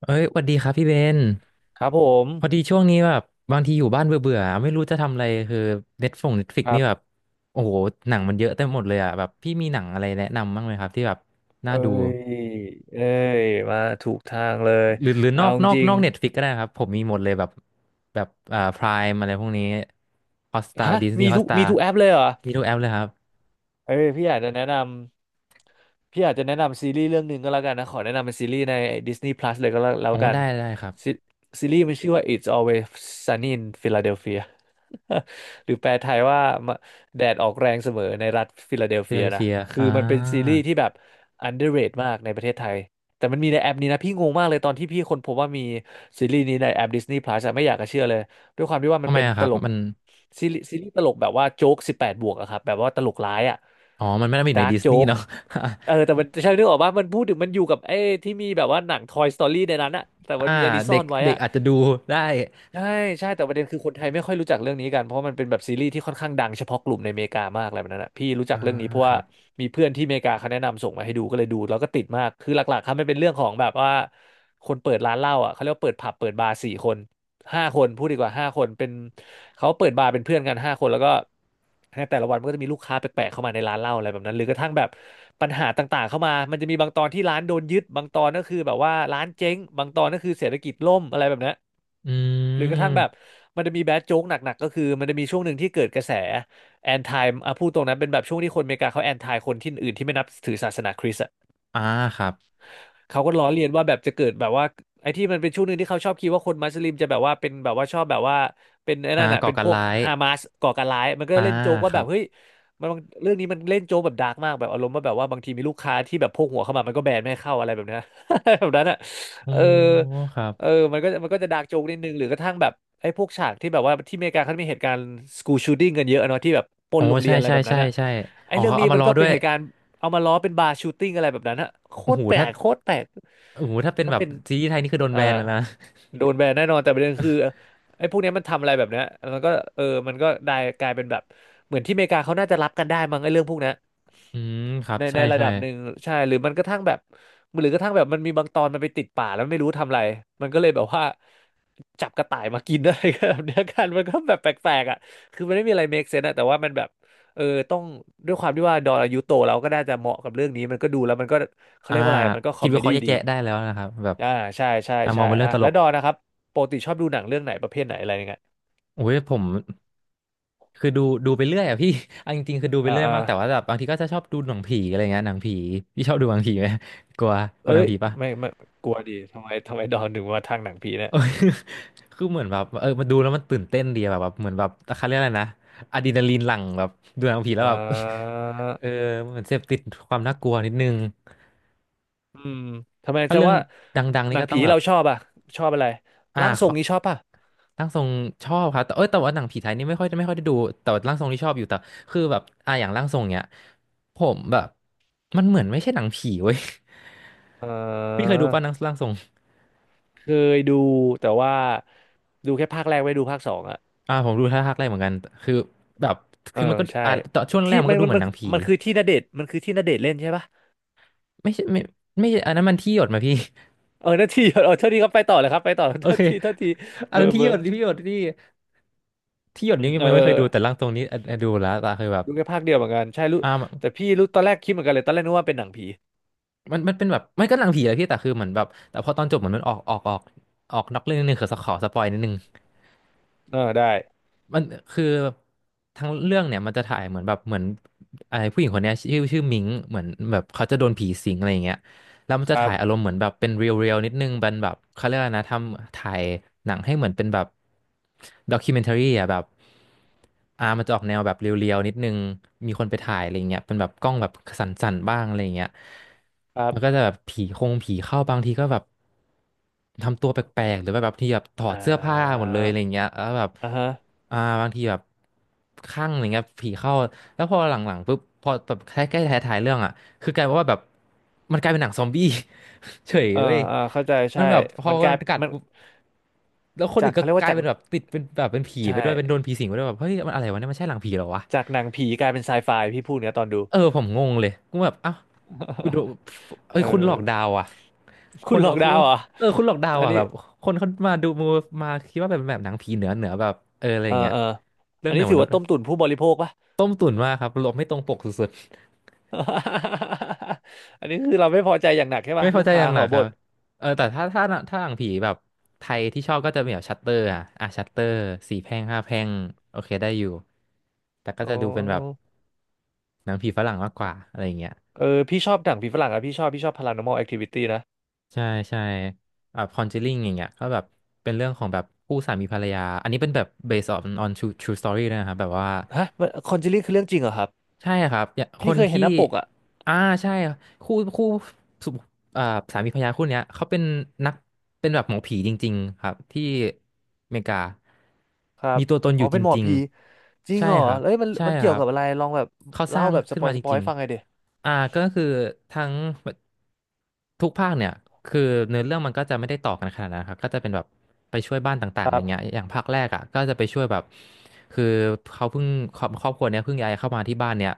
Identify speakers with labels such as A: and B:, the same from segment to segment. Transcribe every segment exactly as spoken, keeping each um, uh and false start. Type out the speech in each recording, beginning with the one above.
A: เอ้ยหวัสดีครับพี่เบน
B: ครับผม
A: พอดีช่วงนี้แบบบางทีอยู่บ้านเบื่อเบื่อไม่รู้จะทำอะไรคือเน็ตฟงเน็ตฟิก
B: ครั
A: นี่แบบ
B: บ
A: โอ้โหหนังมันเยอะเต็มหมดเลยอ่ะแบบพี่มีหนังอะไรแนะนำบ้างไหมครับที่แบบน่า
B: เอ้
A: ดู
B: ยเอ้ยมาถูกทางเลย
A: หรือหรือน
B: เอา
A: อกนอก
B: จริ
A: น
B: ง
A: อกเน็ตฟิกก็ได้นะครับผมมีหมดเลยแบบแบบอ่าพรายอะไรพวกนี้ฮอสตา
B: ๆฮะ
A: ดิสนี
B: มี
A: ย์ฮอ
B: ทุ
A: ส
B: ก
A: ตา
B: มีทุกแอปเลยเหรอ
A: มีทุกแอปเลยครับ
B: เอ้ยพี่อยากจะแนะนำพี่อยากจะแนะนำซีรีส์เรื่องหนึ่งก็แล้วกันนะขอแนะนำเป็นซีรีส์ใน Disney Plus เลยก็แล้วแล้ว
A: โอ้
B: กัน
A: ได้ได้ครับ
B: ซีซีรีส์มันชื่อว่า It's Always Sunny in Philadelphia หรือแปลไทยว่าแดดออกแรงเสมอในรัฐฟิลาเดล
A: เฟีย
B: เฟี
A: เด
B: ย
A: ล
B: นะ
A: เฟีย
B: คือ
A: อ่า
B: มันเป็นซีรีส์ที่แบบ underrate มากในประเทศไทยแต่มันมีในแอปนี้นะพี่งงมากเลยตอนที่พี่คนพบว่ามีซีรีส์นี้ในแอป Disney Plus อะไม่อยากจะเชื่อเลย ด้วยความที่ว่า
A: ทำ
B: มัน
A: ไม
B: เป็น
A: อะค
B: ต
A: รับ
B: ลก
A: มัน
B: ซีรีส์ซีรีส์ตลกแบบว่าโจ๊กสิบแปดบวกอะครับแบบว่าตลกร้ายอะ
A: อ๋อมันไม่ได้มีอยู่
B: ดา
A: ใน
B: ร์ก
A: ดิส
B: โจ๊
A: นีย์
B: ก
A: เนาะ
B: เออแต่มันใช่นึกออกว่ามันพูดถึงมันอยู่กับไอ้ที่มีแบบว่าหนัง Toy Story ในนั้นอะแต่มั น
A: อ่า
B: มีอันนี้ซ่
A: เด็
B: อ
A: ก
B: นไว้
A: เด็ก
B: อะ
A: อาจจะดูได้
B: ใช่ใช่แต่ประเด็นคือคนไทยไม่ค่อยรู้จักเรื่องนี้กันเพราะมันเป็นแบบซีรีส์ที่ค่อนข้างดังเฉพาะกลุ่มในอเมริกามากอะไรแบบนั้นนะพี่รู้จั
A: อ่า
B: กเรื่องนี้เพราะ
A: ค
B: ว่า
A: รับ
B: มีเพื่อนที่อเมริกาเขาแนะนำส่งมาให้ดูก็เลยดูแล้วก็ติดมากคือหลักๆครับมันเป็นเรื่องของแบบว่าคนเปิดร้านเหล้าอ่ะเขาเรียกว่าเปิดผับเปิดบาร์สี่คนห้าคนพูดดีกว่าห้าคนเป็นเขาเปิดบาร์เป็นเพื่อนกันห้าคนแล้วก็ในแต่ละวันมันก็จะมีลูกค้าแปลกๆเข้ามาในร้านเหล้าอะไรแบบนั้นหรือกระทั่งแบบปัญหาต่างๆเข้ามามันจะมีบางตอนที่ร้านโดนยึดบางตอนก็คือแบบว่าร้านเจ๊งบางตอนก็คือเศรษฐกิจล่มอะไรแบบนั้น
A: อื
B: หรือกระทั่งแบบ
A: ม
B: มันจะมีแบดโจ๊กหนักๆก็คือมันจะมีช่วงหนึ่งที่เกิดกระแสแอนทายอ่ะพูดตรงนั้นเป็นแบบช่วงที่คนอเมริกาเขาแอนทายคนที่อื่นที่ไม่นับถือศาสนาคริสต์
A: อ่าครับ
B: เขาก็ล้อเลียนว่าแบบจะเกิดแบบว่าไอ้ที่มันเป็นช่วงหนึ่งที่เขาชอบคิดว่าคนมุสลิมจะแบบว่าเป็นแบบว่าชอบแบบว่าเป็นไอ้
A: อ่า
B: นั่นน่ะ
A: ก่อ
B: เป็น
A: กา
B: พ
A: ร
B: วก
A: ร้าย
B: ฮามาสก่อการร้ายมันก็
A: อ่า
B: เล่นโจ๊ก
A: ค
B: ว่าแบ
A: รั
B: บ
A: บ
B: เฮ้ยมันบางเรื่องนี้มันเล่นโจ๊กแบบดาร์กมากแบบอารมณ์ว่าแบบว่าบางทีมีลูกค้าที่แบบพกหัวเข้ามามันก็แบนไม่ให้เข้าอะไรแบบเนี้ย แบบนั้นอ่ะ
A: โอ้
B: เออ
A: ครับ
B: เออมันก็มันก็จะดาร์กโจ๊กนิดนึงหรือกระทั่งแบบไอ้พวกฉากที่แบบว่าที่อเมริกาเขามีเหตุการณ์สกู o ชู o ิ i งกันเยอะเนาะที่แบบปล้
A: โอ้
B: นโรงเรี
A: ใช่
B: ยนอะไร
A: ใช่
B: แบบนั้
A: ใช่
B: นอ่ะ
A: ใช่
B: ไอ้
A: อ๋อ
B: เรื่อง
A: เขา
B: นี้
A: เอามา
B: มัน
A: ล้อ
B: ก็
A: ด้
B: เป็
A: ว
B: น
A: ย
B: เหตุการณ์ เอามาล้อเป็นบาร์ชูตติ้งอะไรแบบนั้นอะโค
A: โอ้
B: ต
A: โห
B: รแปล
A: ถ้า
B: กโคตรแปลก
A: โอ้โหถ้าเป็น
B: ถ้า
A: แบบ
B: เป็น
A: ซีรีส์ไทยนี่คือโดน
B: อ่า
A: แบนไปแล้วนะ
B: โดนแบนแน่นอนแต่ประเด็นคือไอ้พวกเนี้ยมันทำอะไรแบบเนี้ยมันก็เออมันก็ได้กลายเป็นแบบเหมือนที่อเมริกาเขาน่าจะรับกันได้มั้งไอ้เรื่องพวกเนี้ย
A: อืมครับ
B: ใน
A: ใช่
B: ในระ
A: ใช่
B: ดับหนึ่งใช่หรือมันกระทั่งแบบหรือกระทั่งแบบมันมีบางตอนมันไปติดป่าแล้วไม่รู้ทำอะไรมันก็เลยแบบว่าจับกระต่ายมากิน อะไรกันแบบเนี้ยกันมันก็แบบแปลกๆอ่ะคือมันไม่มีอะไร make sense อะแต่ว่ามันแบบเออต้องด้วยความที่ว่าดอนอายุโตแล้วก็น่าจะเหมาะกับเรื่องนี้มันก็ดูแล้วมันก็เขา
A: อ่า
B: เรียกว่าอะไรมันก็คอ
A: คิด
B: ม
A: วิ
B: เม
A: เคราะ
B: ดี้
A: ห์แยก
B: ดี
A: แยะได้แล้วนะครับแบบ
B: อ่าใช่ใช่
A: อ่าม
B: ใช่
A: องเป็นเรื่อง
B: อ่ะ
A: ตล
B: แล้ว
A: ก
B: ดอนนะครับปกติชอบดูหนังเรื่องไหนประเภทไหนอะไรเงี้ย
A: โอ้ยผมคือดูดูไปเรื่อยอ่ะพี่ เอาจริงๆคือดูไป
B: อ่า
A: เรื่อย
B: อ่า
A: มากแต่ว่าแบบบางทีก็จะชอบดูหนังผีอะไรเงี้ยหนังผีพี่ชอบดูหนังผีไหมกลัวกลั
B: เอ้
A: วหนัง
B: ย
A: ผีปะ
B: ไม่ไม่กลัวดีทำไมทำไมดอนถึงมาทางหนังผี เนี่ย
A: เออ คือเหมือนแบบเออมาดูแล้วมันตื่นเต้นดีอะแบบแบบเหมือนแบบเขาเรียกอะไรนะอะดรีนาลีนหลั่งแบบดูหนังผีแล้ว
B: อ่า
A: แบบ เออเหมือนเสพติดความน่ากลัวนิดนึง
B: อืมทำไม
A: ถ้า
B: แสด
A: เรื่
B: ง
A: อง
B: ว่า
A: ดังๆ
B: ห
A: นี่
B: นัง
A: ก็ต้อ
B: ผี
A: งแบบ
B: เราชอบอ่ะชอบอะไร
A: อ่า
B: ร่างท
A: ข
B: รง
A: อ
B: นี้ชอบป่ะ
A: ร่างทรงชอบครับแต่เอ้ยแต่ว่าหนังผีไทยนี่ไม่ค่อยไม่ค่อยได้ดูแต่ว่าร่างทรงที่ชอบอยู่แต่คือแบบอ่าอย่างร่างทรงเนี้ยผมแบบมันเหมือนไม่ใช่หนังผีเว้ย
B: เอ
A: พี่เค
B: อ
A: ยดูป่ะหนังร่างทรง
B: เคยดูแต่ว่าดูแค่ภาคแรกไม่ดูภาคสองอ่ะ
A: อ่าผมดูท่าทางแรกเหมือนกันคือแบบ
B: เอ
A: คื
B: อ
A: อมันก็
B: ใช่
A: อ่าตอนช่วงแร
B: ที่
A: กมัน
B: มั
A: ก็
B: น
A: ดู
B: มัน
A: เหมือน
B: มั
A: ห
B: น
A: นังผี
B: มันคือที่ณเดชน์มันคือที่ณเดชน์เล่นใช่ป่ะ
A: ไม่ใช่ไม่ไม่ใช่อันนั้นมันที่หยดมาพี่
B: เออนาทีเออ เท่าทีครับไปต่อเลยครับไปต่อ
A: โอ
B: เท่า
A: เค
B: ทีเท่าที
A: อัน
B: เบอ
A: นั้น
B: ร์
A: ที่
B: เบ
A: ห
B: อ
A: ย
B: ร์
A: ดที่หยดที่ที่หยด
B: อื
A: นี้
B: ม
A: ยัง
B: เออเอ
A: ไม่
B: อ
A: เคยดูแต่ร่างทรงนี้อ่ะอ่ะดูแล้วแต่คือแบบ
B: ดูแค่ภาคเดียวเหมือนกันใช่รู้
A: อ่า
B: แต่พี่รู้ตอนแรกคิดเหมือนกันเลยตอนแรกนึกว่าเป็นหนังผี
A: มันมันเป็นแบบไม่ก็หนังผีและพี่แต่คือเหมือนแบบแต่พอตอนจบเหมือนมันออกออกออกออกนอกเรื่องนิดนึงคือขอสปอยนิดนึง
B: เออได้
A: มันคือทั้งเรื่องเนี่ยมันจะถ่ายเหมือนแบบเหมือนไอ้ผู้หญิงคนเนี้ยชื่อชื่อมิงเหมือนแบบเขาจะโดนผีสิงอะไรอย่างเงี้ย แล้วมัน
B: ค
A: จะ
B: รั
A: ถ่ายอารม
B: บ
A: ณ์เหมือนแบบเป็นเรียลเรียลนิดนึงเป็นแบบเขาเรียกอะไรนะทำถ่ายหนังให้เหมือนเป็นแบบด็อกิเมนทารีอ่ะแบบอ่ามันจะออกแนวแบบเรียลเรียลนิดนึงมีคนไปถ่ายอะไรเงี้ยเป็นแบบกล้องแบบสั่นๆบ้างอะไรเงี้ย
B: ครั
A: มันก็
B: บ
A: จะแบบผีคงผีเข้าบางทีก็แบบทำตัวแปลกๆหรือว่าแบบที่แบบถอ
B: อ่
A: ดเสื้อผ้าหม
B: า
A: ดเลยอะไรเงี้ยแล้วแบบ
B: อ่าฮะ
A: อ่าบางทีแบบข้างอะไรเงี้ยผีเข้าแล้วพอหลังๆปุ๊บพอแบบใกล้ๆท้ายๆเรื่องอ่ะ คือกลายเป็นว่าแบบมันกลายเป็นหนังซอมบี้ เฉย
B: เออ
A: เว้ย
B: เออเข้าใจ
A: มัน
B: ใช่
A: แบบพอ
B: มันก
A: มั
B: ลา
A: น
B: ย
A: กัด
B: มัน
A: ปุ๊บแล้วคน
B: จา
A: อื่
B: ก
A: นก็
B: เขาเรียก
A: ก
B: ว่า
A: ลาย
B: จาก
A: เป็นแบบติดเป็นแบบเป็นผี
B: ใช่
A: ไปด้วยเป็นโดนผีสิงไปด้วยแบบเฮ้ยมันอะไรวะเนี่ยมันใช่หลังผีเหรอวะ
B: จากหนังผีกลายเป็นไซไฟพี่พูดเนี่ยตอนดู
A: เออผมงงเลยกูแบบเอ้ากูโดน เอ้ย
B: เออ
A: คุณหลอกดาวอ่ะค
B: คุณ
A: น
B: หลอก
A: เขา
B: ดาวเหรอ่ะ
A: เออคุณหลอกดาว
B: อัน
A: อ่ะ
B: นี้
A: แบบคนเขามาดูมามาคิดว่าแบบแบบหนังผีเหนือเหนือแบบเอออะไรอ
B: เออ
A: ย่างเงี้ย
B: เออ
A: เรื่อ
B: อั
A: ง
B: น
A: เหนื
B: นี้
A: อม
B: ถือ
A: นุษ
B: ว่า
A: ย์
B: ต้มตุ๋นผู้บริโภคปะ
A: ต้มตุ๋นมากครับหลบไม่ตรงปกสุดๆ
B: อันนี้คือเราไม่พอใจอย่างหนักใช่
A: ไม่
B: ปะ
A: พอ
B: ลูก
A: ใจอ
B: ค้า
A: ย่างห
B: ข
A: นั
B: อ
A: กค
B: บ่
A: รับ
B: น
A: เออแต่ถ้าถ้าถ้าหนังผีแบบไทยที่ชอบก็จะมีแบบชัตเตอร์อ่ะอ่ะชัตเตอร์สี่แพร่งห้าแพร่งโอเคได้อยู่ แต่ก็
B: โอ้
A: จะดูเป็นแบบหนังผีฝรั่งมากกว่าอะไรอย่างเงี้ย
B: เออพี่ชอบหนังผีฝรั่งอะพี่ชอบพี่ชอบ พาราน็อมอล แอคทิวิตี้ นะ
A: ใช่ใช่แบบคอนเจลิ่งอย่างเงี้ยก็แบบเป็นเรื่องของแบบคู่สามีภรรยา อันนี้เป็นแบบ based on on true true story ด้วยนะครับแบบว่า
B: ฮะคอนเจลิ่งคือเรื่องจริงเหรอครับ
A: ใช่ครับอย่าค
B: พี่
A: น
B: เคยเห็นห
A: ที่
B: น้าปกอะ
A: อ่าใช่คู่คู่ เอ่อสามีภรรยาคู่เนี้ยเขาเป็นนักเป็นแบบหมอผีจริงๆครับที่อเมริกา
B: ครับ
A: มีตัวตนอ
B: อ๋อ
A: ยู่จ
B: เป็นหมอ
A: ริง
B: ผีจริ
A: ๆ
B: ง
A: ใช่
B: เหรอ
A: ครับ
B: เอ้ยมัน
A: ใช่
B: มัน
A: ค
B: เกี่ยว
A: รับ
B: กับอะไรลองแบบ
A: เขาส
B: เล่า
A: ร้าง
B: แบบส
A: ขึ้
B: ป
A: น
B: อย
A: มาจ
B: สปอย
A: ริง
B: ฟังไงเดย
A: ๆอ่าก็คือทั้งทุกภาคเนี่ยคือเนื้อเรื่องมันก็จะไม่ได้ต่อกันขนาดนั้นครับก็จะเป็นแบบไปช่วยบ้านต่า
B: ค
A: งๆอะไร
B: รั
A: เงี้ย
B: บ
A: อย่างภาคแรกอ่ะก็จะไปช่วยแบบคือเขาเพิ่งครอบครอบครัวเนี้ยเพิ่งย้ายเข้ามาที่บ้านเนี่ย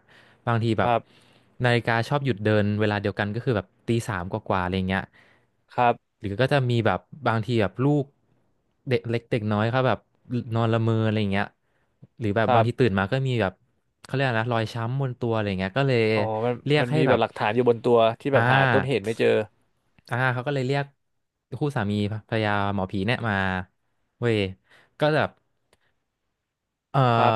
A: บางทีแบ
B: ค
A: บ
B: รับ
A: นาฬิกาชอบหยุดเดินเวลาเดียวกันก็คือแบบตีสามกว่าๆอะไรเงี้ย
B: ครับ
A: หรือก็จะมีแบบบางทีแบบลูกเด็กเล็กเด็กน้อยเขาแบบนอนละเมออะไรเงี้ยหรือแบบ
B: ค
A: บา
B: รั
A: ง
B: บ
A: ทีตื่นมาก็มีแบบเขาเรียกอะไรนะรอยช้ำบนตัวอะไรเงี้ยก็เลย
B: อ๋อมัน
A: เรียก
B: มัน
A: ให้
B: มี
A: แบ
B: แบบ
A: บ
B: หลักฐานอยู่บนตัวที่แบ
A: อ่
B: บหาต้นเหตุ
A: า
B: ไม่เจอ
A: อ่าเขาก็เลยเรียกคู่สามีภรรยาหมอผีเนี่ยมาเว้ยก็แบบ เอ่อ
B: ครับ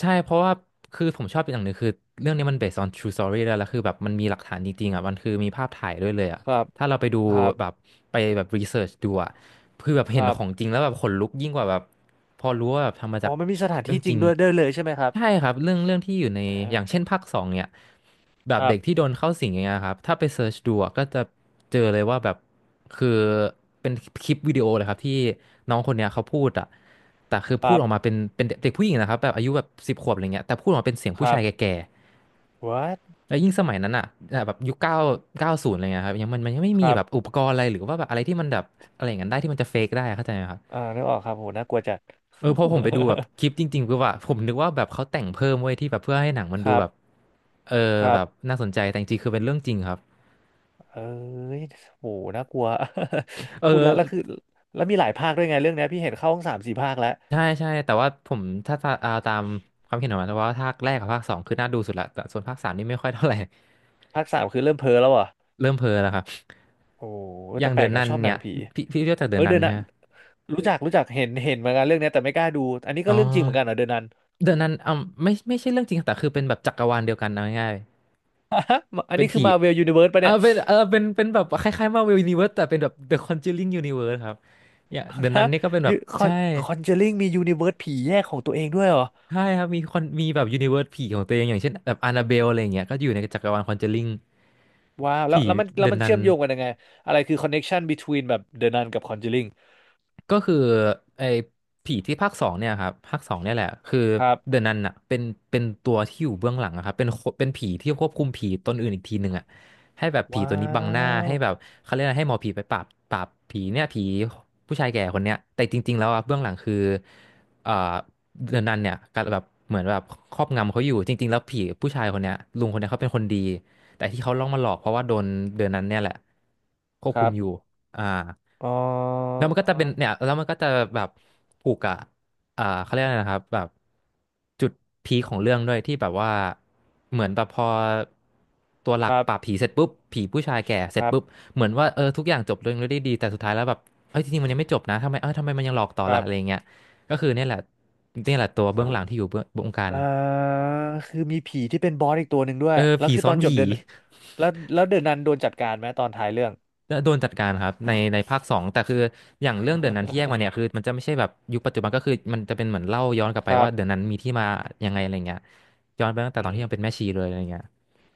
A: ใช่เพราะว่าคือผมชอบอย่างหนึ่งคือเรื่องนี้มัน based on true story แล้วแล้วคือแบบมันมีหลักฐานจริงๆอ่ะมันคือมีภาพถ่ายด้วยเลยอ่ะ
B: ครับ
A: ถ้าเราไปดู
B: ครับ
A: แบบไปแบบ research ดูอ่ะ คือแบบ
B: ค
A: เห็น
B: รับ
A: ของจริงแล้วแบบขนลุกยิ่งกว่าแบบพอรู้ว่าแบบทำมา
B: อ๋อ
A: จาก
B: มันมีสถาน
A: เรื่อ
B: ที่
A: ง
B: จ
A: จ
B: ริ
A: ริ
B: ง
A: ง
B: ด้วยได้เลยใช่ไหมครับ
A: ใช่ครับเรื่องเรื่องที่อยู่ใน
B: แต่
A: อย่างเช่นภาคสองเนี่ยแบ
B: ค
A: บ
B: รั
A: เด็กที่โด
B: บ
A: นเข้าสิงอย่างเงี้ยครับถ้าไปเซิร์ชดูอะก็จะเจอเลยว่าแบบคือเป็นคลิปวิดีโอเลยครับที่น้องคนเนี้ยเขาพูดอะแต่คือ
B: ค
A: พู
B: รั
A: ดออกมา
B: บ
A: เป็นเป็นเด็กผู้หญิงนะครับแบบอายุแบบสิบขวบอะไรเงี้ยแต่พูดออกมาเป็นเสียง
B: ค
A: ผู้
B: รั
A: ชา
B: บ
A: ยแก่
B: what
A: ๆแล้วยิ่งสมัยนั้นอ่ะแบบยุคเก้าเก้าศูนย์อะไรเงี้ยครับยังมันมันยังไม่
B: ค
A: มี
B: รับ
A: แบบอุปกรณ์อะไรหรือว่าแบบอะไรที่มันแบบอะไรอย่างนั้นได้ที่มันจะเฟกได้อะเข้าใจไหมครับ
B: อ่านึกออกครับโหน่ากลัวจัด
A: เออพอผมไปดูแบบคลิปจริงๆคือว่าผมนึกว่าแบบเขาแต่งเพิ่มไว้ยที่แบบเพื่อให้หนังมัน
B: ค
A: ดู
B: รับ
A: แบบเออ
B: ครั
A: แบ
B: บ
A: บน่าสนใจแต่จริงๆคือเป็นเรื่องจริงครับ
B: เอ้ยโหน่ากลัว
A: เออ
B: พูดแล้วแล้วคือแล้วมีหลายภาคด้วยไงเรื่องเนี้ยพี่เห็นเข้าทั้งสามสี่ภาคแล้ว
A: ใช่ใช่แต่ว่าผมถ้าตาเอาตามความเห็นของมันแต่ว่าภาคแรกกับภาคสองคือน่าดูสุดละแต่ส่วนภาคสามนี่ไม่ค่อยเท่าไหร่
B: ภาคสามคือเริ่มเพ้อแล้วอ่ะ
A: เริ่มเพ้อแล้วครับ
B: โอ้
A: อ
B: แต่
A: ย่าง
B: แป
A: เดิ
B: ลก
A: น
B: นะ
A: นัน
B: ชอบหนั
A: เนี่
B: ง
A: ย
B: ผี
A: พี่พี่เรียกจาก
B: เอ
A: เดิ
B: อ
A: นนั
B: เด
A: น
B: อะนั
A: ใช่ไห
B: น
A: ม
B: รู้จักรู้จักเห็นเห็นเหมือนกันเรื่องเนี้ยแต่ไม่กล้าดูอันนี้ก็
A: อ๋อ
B: เรื่องจริงเหมือนกันเหรอเดอะนัน
A: เดินนันอ่าไม่ไม่ใช่เรื่องจริงแต่คือเป็นแบบจักรวาลเดียวกันเอาง่าย
B: อะ
A: ๆ
B: อัน
A: เป็น
B: นี้คือ
A: ผี
B: มาเวลยูนิเวิร์สปะ
A: อ่า
B: เนี่ย
A: เป็นเออเป็นเป็นแบบคล้ายๆมาเวลยูนิเวิร์สแต่เป็นแบบ The Conjuring Universe ครับเนี่ยเดน นั
B: ฮะ
A: นนี่ก็เป็นแบบ
B: คอ
A: ใช่
B: นคอนเจอริงมียูนิเวิร์สผีแยกของตัวเองด้วยเหรอ
A: ใช่ครับมีคนมีแบบยูนิเวิร์สผีของตัวเองอย่างเช่นแบบ a า n าเบลอะไรอย่างเงี้ยก็อยู่ในจักรวาลคอนเจอริง
B: ว้าวแล้ว
A: ผี
B: แล้วมันแล้
A: เด
B: ว
A: น
B: มัน
A: นั
B: เชื่
A: น
B: อมโยงกันยังไงอะไรคือคอนเน t ชัน between แบบเดอะนันกับคอนเจ r i ิง
A: ก็คือไอ้ผีที่ภาคสองเนี่ยครับภาคสองเนี่ยแหละคือ
B: ครับ
A: เดอะนันอะเป็นเป็นตัวที่อยู่เบื้องหลังอะครับเป็นคนเป็นผีที่ควบคุมผีตนอื่นอีกทีหนึ่งอะให้แบบผี
B: ว้า
A: ตัวนี้บังหน้าให้
B: ว
A: แบบเขาเรียกอะไรให้หมอผีไปปราบปราบผีเนี่ยผีผู้ชายแก่คนเนี้ยแต่จริงๆแล้วอะเบื้องหลังคือเอ่อเดอะนันเนี่ยก็แบบเหมือนแบบครอบงำเขาอยู่จริงๆแล้วผีผู้ชายคนเนี้ยลุงคนเนี้ยเขาเป็นคนดีแต่ที่เขาล่องมาหลอกเพราะว่าโดนเดอะนันเนี่ยแหละควบ
B: ค
A: คุ
B: รั
A: มอยู่
B: บ
A: อ่า
B: อ๋อ
A: แล้วมันก็จะเป็นเนี่ยแล้วมันก็จะแบบผูกกับอ่าเขาเรียกอะไรนะครับแบบจุดพีคของเรื่องด้วยที่แบบว่าเหมือนแบบพอตัวหลั
B: ค
A: ก
B: รั
A: ปราบผี
B: บ
A: เสร็จปุ๊บผีผู้ชายแก่เส
B: ค
A: ร็จ
B: รั
A: ปุ๊บ
B: บ
A: เหมือนว่าเออทุกอย่างจบลงด้วยดีแต่สุดท้ายแล้วแบบเอ้ยจริงๆมันยังไม่จบนะทำไมเออทำไมมันยังหลอกต่อ
B: ครั
A: ล่ะ
B: บ
A: อะไรเงี้ยก็คือเนี่ยแหละเนี่ยแหละตัวเบื้องหลังที่อยู่เบื้องบงการ
B: อ่าคือมีผีที่เป็นบอสอีกตัวหนึ่งด้วย
A: เออ
B: แล้ว
A: ผี
B: คือ
A: ซ้อ
B: ตอ
A: น
B: นจบ
A: ผี
B: เดินแล้วแล้วเดินนันโดนจัดการไหมตอนท้ายเรื่อง
A: โดนจัดการครับในในภาคสองแต่คืออย่างเรื่องเดือนนั้นที่แยกมาเนี่ยคือมันจะไม่ใช่แบบยุคปัจจุบันก็คือมันจะเป็นเหมือนเล่าย้อนกลับไป
B: ครั
A: ว่า
B: บ
A: เดือนนั้นมีที่มายังไงอะไรเงี้ยย้อนไปตั้งแต่ตอ
B: อื
A: น
B: ม
A: ที่ยังเป็นแม่ชีเลยอะไรเงี้ย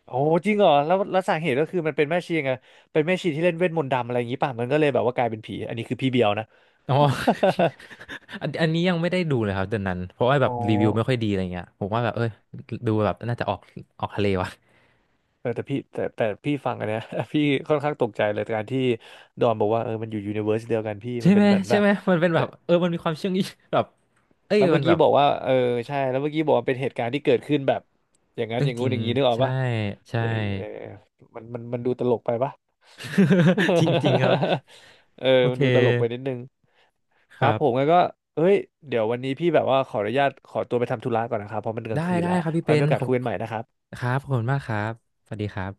B: โอ้จริงเหรอแล้วแล้วสาเหตุก็คือมันเป็นแม่ชีไงเป็นแม่ชีที่เล่นเวทมนต์ดำอะไรอย่างนี้ป่ะมันก็เลยแบบว่ากลายเป็นผีอันนี้คือพี่เบียวนะ
A: อ๋อ อันอันนี้ยังไม่ได้ดูเลยครับเดือนนั้นเพราะว่า แบ
B: อ๋อ
A: บรีวิวไม่ค่อยดีอะไรเงี้ยผมว่าแบบเอ้ยดูแบบน่าจะออกออกทะเลวะ
B: เออแต่พี่แต่แต่พี่ฟังอันเนี้ย พี่ค่อนข้างตกใจเลยการที่ดอนบอกว่าเออมันอยู่ยูนิเวอร์สเดียวกันพี่
A: ใช่
B: มันเป็
A: ไหม
B: นเหมือน
A: ใช่
B: แบบ
A: ไหมมันเป็นแบ
B: เนี่
A: บ
B: ย
A: เออมันมีความเชื่องอีแบบเอ้ย
B: แล้วเมื่
A: มัน
B: อ
A: แบ
B: กี้
A: บ
B: บอกว่าเออใช่แล้วเมื่อกี้บอกว่าเป็นเหตุการณ์ที่เกิดขึ้นแบบอย่างนั้น
A: เรื่
B: อ
A: อง
B: ย่าง
A: จ
B: งู้
A: ริ
B: น
A: ง
B: อย่างนี้นึกออก
A: ใช่
B: ป่ะ
A: ใช่
B: เออเออมันมันมันดูตลกไปปะ
A: จริงๆครับ
B: เออ
A: โอ
B: มั
A: เค
B: นดูตลกไปนิดนึง
A: ค
B: ครั
A: รั
B: บผม
A: บ
B: งั้นก็เอ้ยเดี๋ยววันนี้พี่แบบว่าขออนุญาตขอตัวไปทำธุระก่อนนะครับเพราะมันกลา
A: ได้
B: งคืน
A: ได้
B: แล้ว
A: ครับพี่
B: ไว้
A: เป็
B: มี
A: น
B: โอกา
A: ข
B: ส
A: อบ
B: คุยกันใหม่นะครับ
A: ครับขอบคุณมากครับ สวัสดีครับ